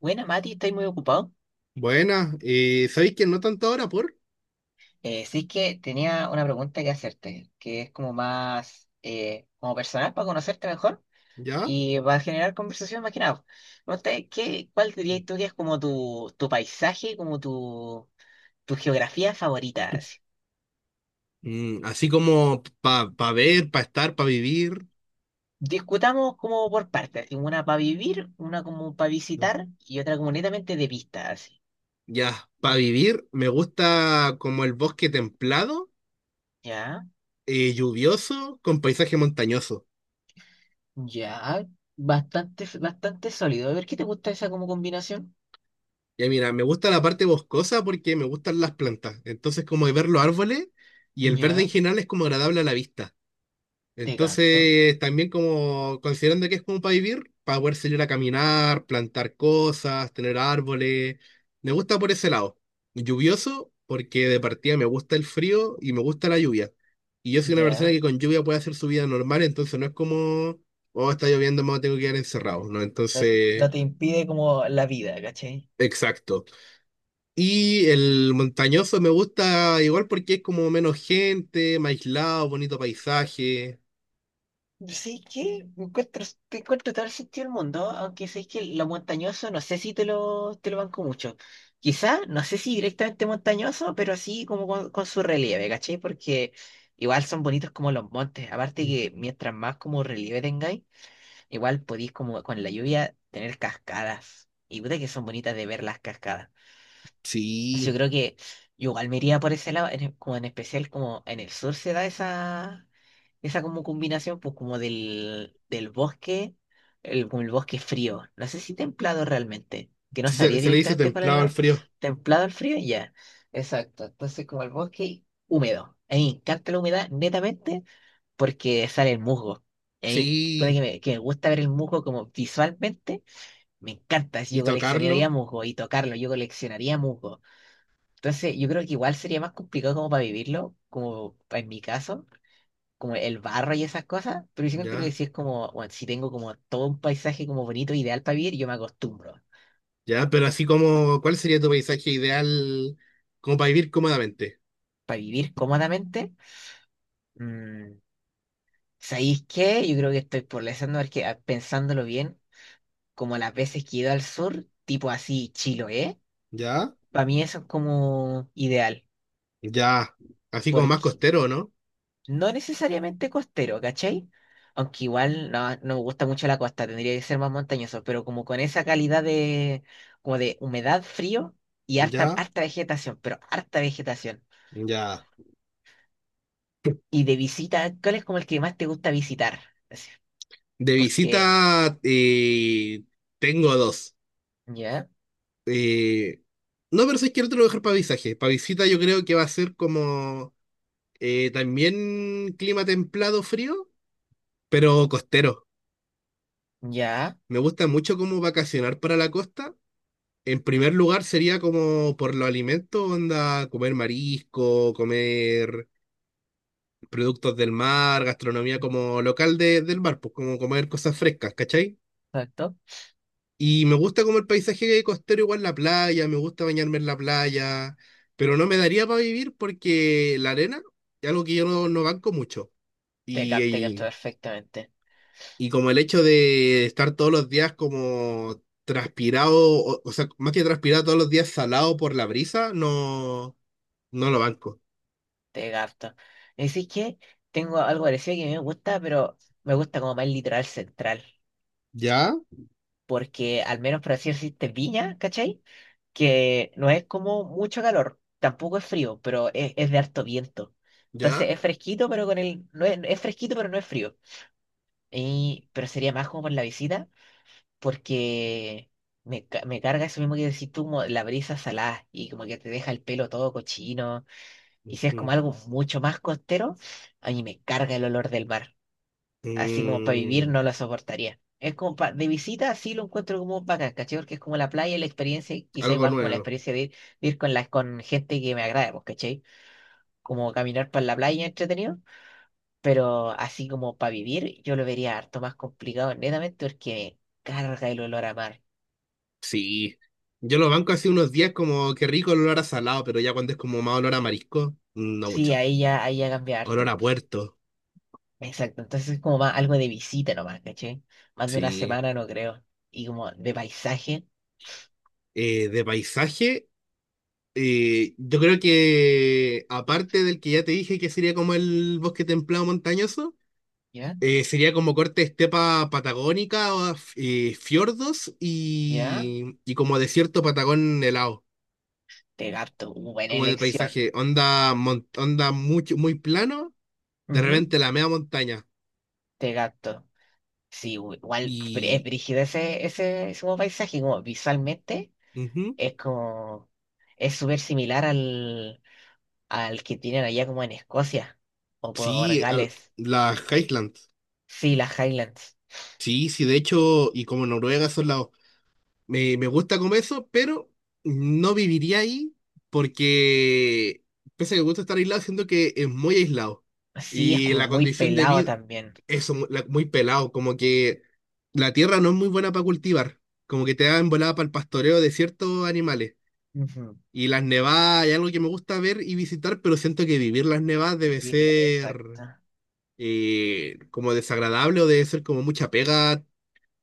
Buena, Mati, ¿estáis muy ocupado? Buena, ¿sabéis que no tanto ahora por? Sí es que tenía una pregunta que hacerte, que es como más como personal para conocerte mejor ¿Ya? y va a generar conversación más que nada. Pregunta, ¿cuál dirías tú que es como tu paisaje, como tu geografía favorita, así? Así como para ver, para estar, para vivir. Discutamos como por partes, así, una para vivir, una como para visitar y otra como netamente de vista, así. Ya, para vivir me gusta como el bosque templado, Ya, lluvioso, con paisaje montañoso. ya, bastante sólido. A ver, ¿qué te gusta esa como combinación? Ya mira, me gusta la parte boscosa porque me gustan las plantas. Entonces como de ver los árboles y el verde en Ya, general es como agradable a la vista. te gato. Entonces, también como considerando que es como para vivir, para poder salir a caminar, plantar cosas, tener árboles. Me gusta por ese lado. Lluvioso, porque de partida me gusta el frío y me gusta la lluvia. Y yo soy una persona que Ya, con lluvia puede hacer su vida normal, entonces no es como, oh, está lloviendo, me tengo que quedar encerrado, ¿no? no, no Entonces, te impide como la vida, ¿cachai? exacto. Y el montañoso me gusta igual porque es como menos gente, más aislado, bonito paisaje. Sí que encuentro, te encuentro todo el sentido del mundo, aunque sé que lo montañoso no sé si te lo, te lo banco mucho. Quizá, no sé si directamente montañoso, pero así como con su relieve, ¿cachai? Porque igual son bonitos como los montes. Aparte que mientras más como relieve tengáis, igual podéis como con la lluvia tener cascadas. Y puta que son bonitas de ver las cascadas. Entonces, yo Sí. creo que yo igual me iría por ese lado, como en especial como en el sur se da esa, esa como combinación, pues como del bosque, el, como el bosque frío. No sé si templado realmente, que no Sí, Se, sabría se le dice directamente cuál es templado al la... frío. Templado al frío, ya. Exacto. Entonces como el bosque húmedo. A mí me encanta la humedad netamente porque sale el musgo. Y a mí, pone que Sí, me gusta ver el musgo como visualmente, me encanta. Si y yo coleccionaría tocarlo, musgo y tocarlo, yo coleccionaría musgo. Entonces, yo creo que igual sería más complicado como para vivirlo, en mi caso, como el barro y esas cosas, pero yo creo que ya, si es como, bueno, si tengo como todo un paisaje como bonito, ideal para vivir, yo me acostumbro. ya, pero así como, ¿cuál sería tu paisaje ideal como para vivir cómodamente? Para vivir cómodamente, mm, ¿sabéis qué? Yo creo que estoy por pensando, porque, pensándolo bien, como las veces que he ido al sur, tipo así, Chiloé, Ya, para mí eso es como ideal. ya, así como más costero, ¿no? No necesariamente costero, ¿cachai? Aunque igual no, no me gusta mucho la costa, tendría que ser más montañoso, pero como con esa calidad de, como de humedad, frío y harta, Ya, harta vegetación, pero harta vegetación. ya. Y de visita, ¿cuál es como el que más te gusta visitar? Así, De porque, visita tengo dos. ya, Eh, no, pero si quiero otro lugar para paisaje. Para visita yo creo que va a ser como también clima templado frío, pero costero. ya, Me gusta mucho como vacacionar para la costa. En primer lugar sería como por los alimentos, onda, comer marisco, comer productos del mar, gastronomía como local del mar, pues como comer cosas frescas, ¿cachai? exacto. Y me gusta como el paisaje costero, igual la playa, me gusta bañarme en la playa, pero no me daría para vivir porque la arena es algo que yo no banco mucho. Y, Te capto y, perfectamente. y como el hecho de estar todos los días como transpirado, o sea, más que transpirado todos los días salado por la brisa, no... No lo banco. Te capto. Así que tengo algo parecido que me gusta, pero me gusta como más el litoral central. ¿Ya? Porque al menos por así decirte, Viña, ¿cachai? Que no es como mucho calor, tampoco es frío, pero es de harto viento. Entonces ¿Ya? es fresquito, pero con el, no es, es fresquito, pero no es frío. Y, pero sería más como por la visita, porque me, me carga eso mismo que decís tú, como la brisa salada, y como que te deja el pelo todo cochino. Y si es como Ujú. algo mucho más costero, a mí me carga el olor del mar, así como para vivir Mm, no la soportaría. Es como de visita sí lo encuentro como bacán, ¿cachai? Porque es como la playa, la experiencia, y quizá Algo igual como la nuevo. experiencia de ir con, la, con gente que me agrade, pues, ¿cachai? Como caminar por la playa entretenido, pero así como para vivir yo lo vería harto más complicado, netamente porque me carga el olor a mar. Sí. Yo lo banco hace unos días como que rico el olor a salado, pero ya cuando es como más olor a marisco, no Sí, mucho. Ahí ya cambia Olor harto. a puerto. Exacto, entonces es como más algo de visita nomás, ¿cachai? Más de una Sí. semana no creo. Y como de paisaje, De paisaje, yo creo que aparte del que ya te dije que sería como el bosque templado montañoso, ¿ya? Sería como corte estepa patagónica, o fiordos ¿Ya? Y como desierto patagón helado. Te gato, buena Como de elección. paisaje, onda, onda mucho, muy plano, de Ujú. repente la media montaña. De gato. Sí, igual es Y brígido ese, ese, ese como paisaje, como visualmente ujú, es como, es súper similar al, al que tienen allá como en Escocia o por sí, Gales. las Highlands. Sí, las Highlands. Sí, sí, de hecho, y como Noruega son lados. Me gusta comer eso, pero no viviría ahí porque, pese a que me gusta estar aislado, siento que es muy aislado. Sí, es Y como la muy condición de pelado vida, también. eso, muy pelado, como que la tierra no es muy buena para cultivar, como que te dan volada para el pastoreo de ciertos animales. Ujú. Y las nevadas es algo que me gusta ver y visitar, pero siento que vivir las nevadas debe ser Exacto, como desagradable o debe ser como mucha pega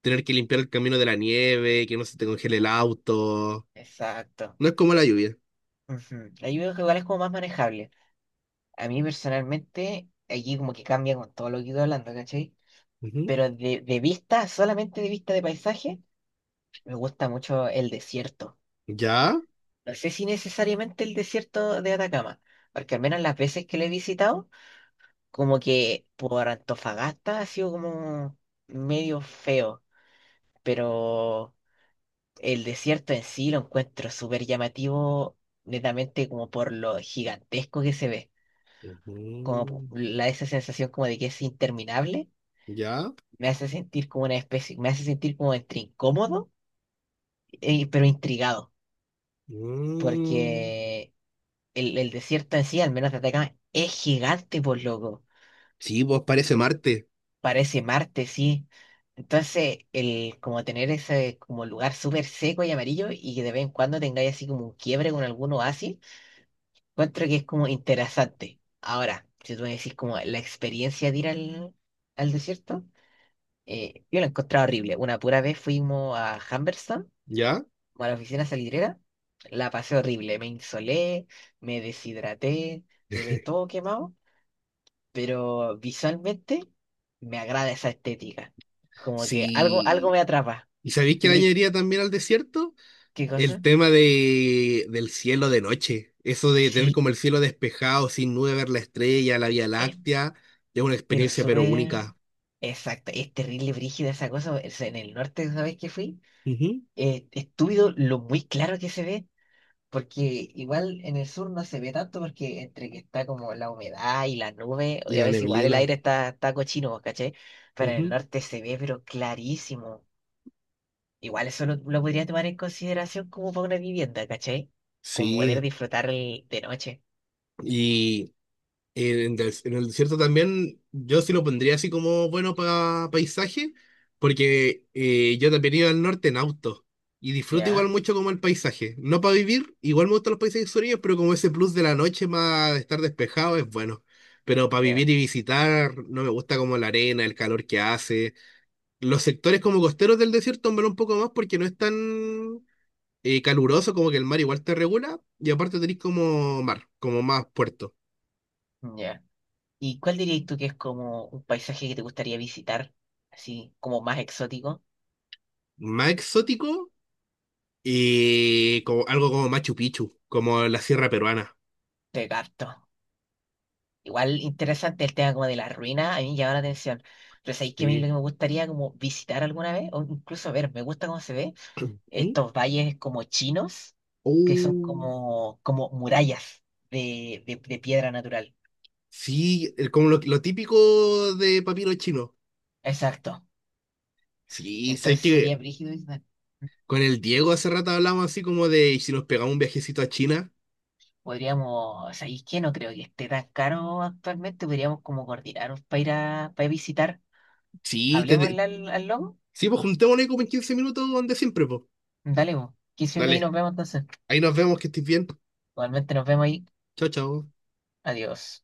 tener que limpiar el camino de la nieve, que no se te congele el auto. exacto. No es como la lluvia. Ujú. Ahí veo que igual es como más manejable. A mí personalmente, allí como que cambia con todo lo que he ido hablando, ¿cachai? Ujú. Pero de vista, solamente de vista de paisaje. Me gusta mucho el desierto. ¿Ya? No sé si necesariamente el desierto de Atacama, porque al menos las veces que lo he visitado, como que por Antofagasta ha sido como medio feo, pero el desierto en sí lo encuentro súper llamativo, netamente como por lo gigantesco que se ve, Ujú. la, esa sensación como de que es interminable, ¿Ya? me hace sentir como una especie, me hace sentir como entre incómodo, pero intrigado. Mm. Porque el desierto en sí, al menos de Atacama, es gigante, por loco. Sí, vos parece Marte. Parece Marte, sí. Entonces, el como tener ese como lugar súper seco y amarillo y que de vez en cuando tengáis así como un quiebre con algún oasis, encuentro que es como interesante. Ahora, si tú me decís como la experiencia de ir al, al desierto, yo la he encontrado horrible. Una pura vez fuimos a Humberston, ¿Ya? como a la oficina salitrera, la pasé horrible. Me insolé, me deshidraté, quedé todo quemado. Pero visualmente me agrada esa estética. Como que algo, algo Sí. me atrapa. ¿Y sabéis que Yo le creo. añadiría también al desierto? ¿Qué El cosa? tema del cielo de noche, eso de tener Sí, como el cielo despejado, sin nube, ver la estrella, la Vía eh, Láctea, es una pero experiencia pero súper única. exacto. Es terrible, brígida esa cosa. O sea, en el norte, ¿sabes qué fui? Ujú. Estúpido lo muy claro que se ve. Porque igual en el sur no se ve tanto porque entre que está como la humedad y la nube, Y y a la veces igual el neblina. aire está, está cochino, ¿vos cachai? Pero en el Ujú. norte se ve pero clarísimo. Igual eso lo podría tomar en consideración como para una vivienda, ¿cachai? Como poder Sí. disfrutar de noche. En el desierto también yo sí lo pondría así como bueno para paisaje, porque yo también iba al norte en auto y disfruto Ya, igual mucho como el paisaje. No para vivir, igual me gustan los paisajes sureños, pero como ese plus de la noche más de estar despejado es bueno. Pero para ya, vivir y visitar no me gusta como la arena, el calor que hace. Los sectores como costeros del desierto, hombre, un poco más porque no es tan caluroso como que el mar igual te regula y aparte tenés como mar, como más puerto. ya. ¿Y cuál dirías tú que es como un paisaje que te gustaría visitar? Así, como más exótico. Más exótico. Y como, algo como Machu Picchu, como la sierra peruana. Te capto. Igual interesante el tema como de las ruinas, a mí me llama la atención. Pero ¿sabéis qué a mí lo Sí. que me gustaría como visitar alguna vez? O incluso ver, me gusta cómo se ve. Sí. Estos valles como chinos, que son Oh, como, como murallas de, de piedra natural. sí, como lo típico de papiro chino. Exacto. Sí, sabes Entonces que sería brígido, Ismael. con el Diego hace rato hablamos así como de, ¿y si nos pegamos un viajecito a China? Podríamos, ¿sabéis qué? No creo que esté tan caro actualmente. Podríamos como coordinarnos para ir a, para visitar. Sí, te, Hablemos te- al, al logo. sí, pues juntémonos ahí como en 15 minutos donde siempre, pues. Dale, vos. 15 minutos ahí nos Dale, vemos entonces. ahí nos vemos, que estés bien. Igualmente nos vemos ahí. Chao, chao. Adiós.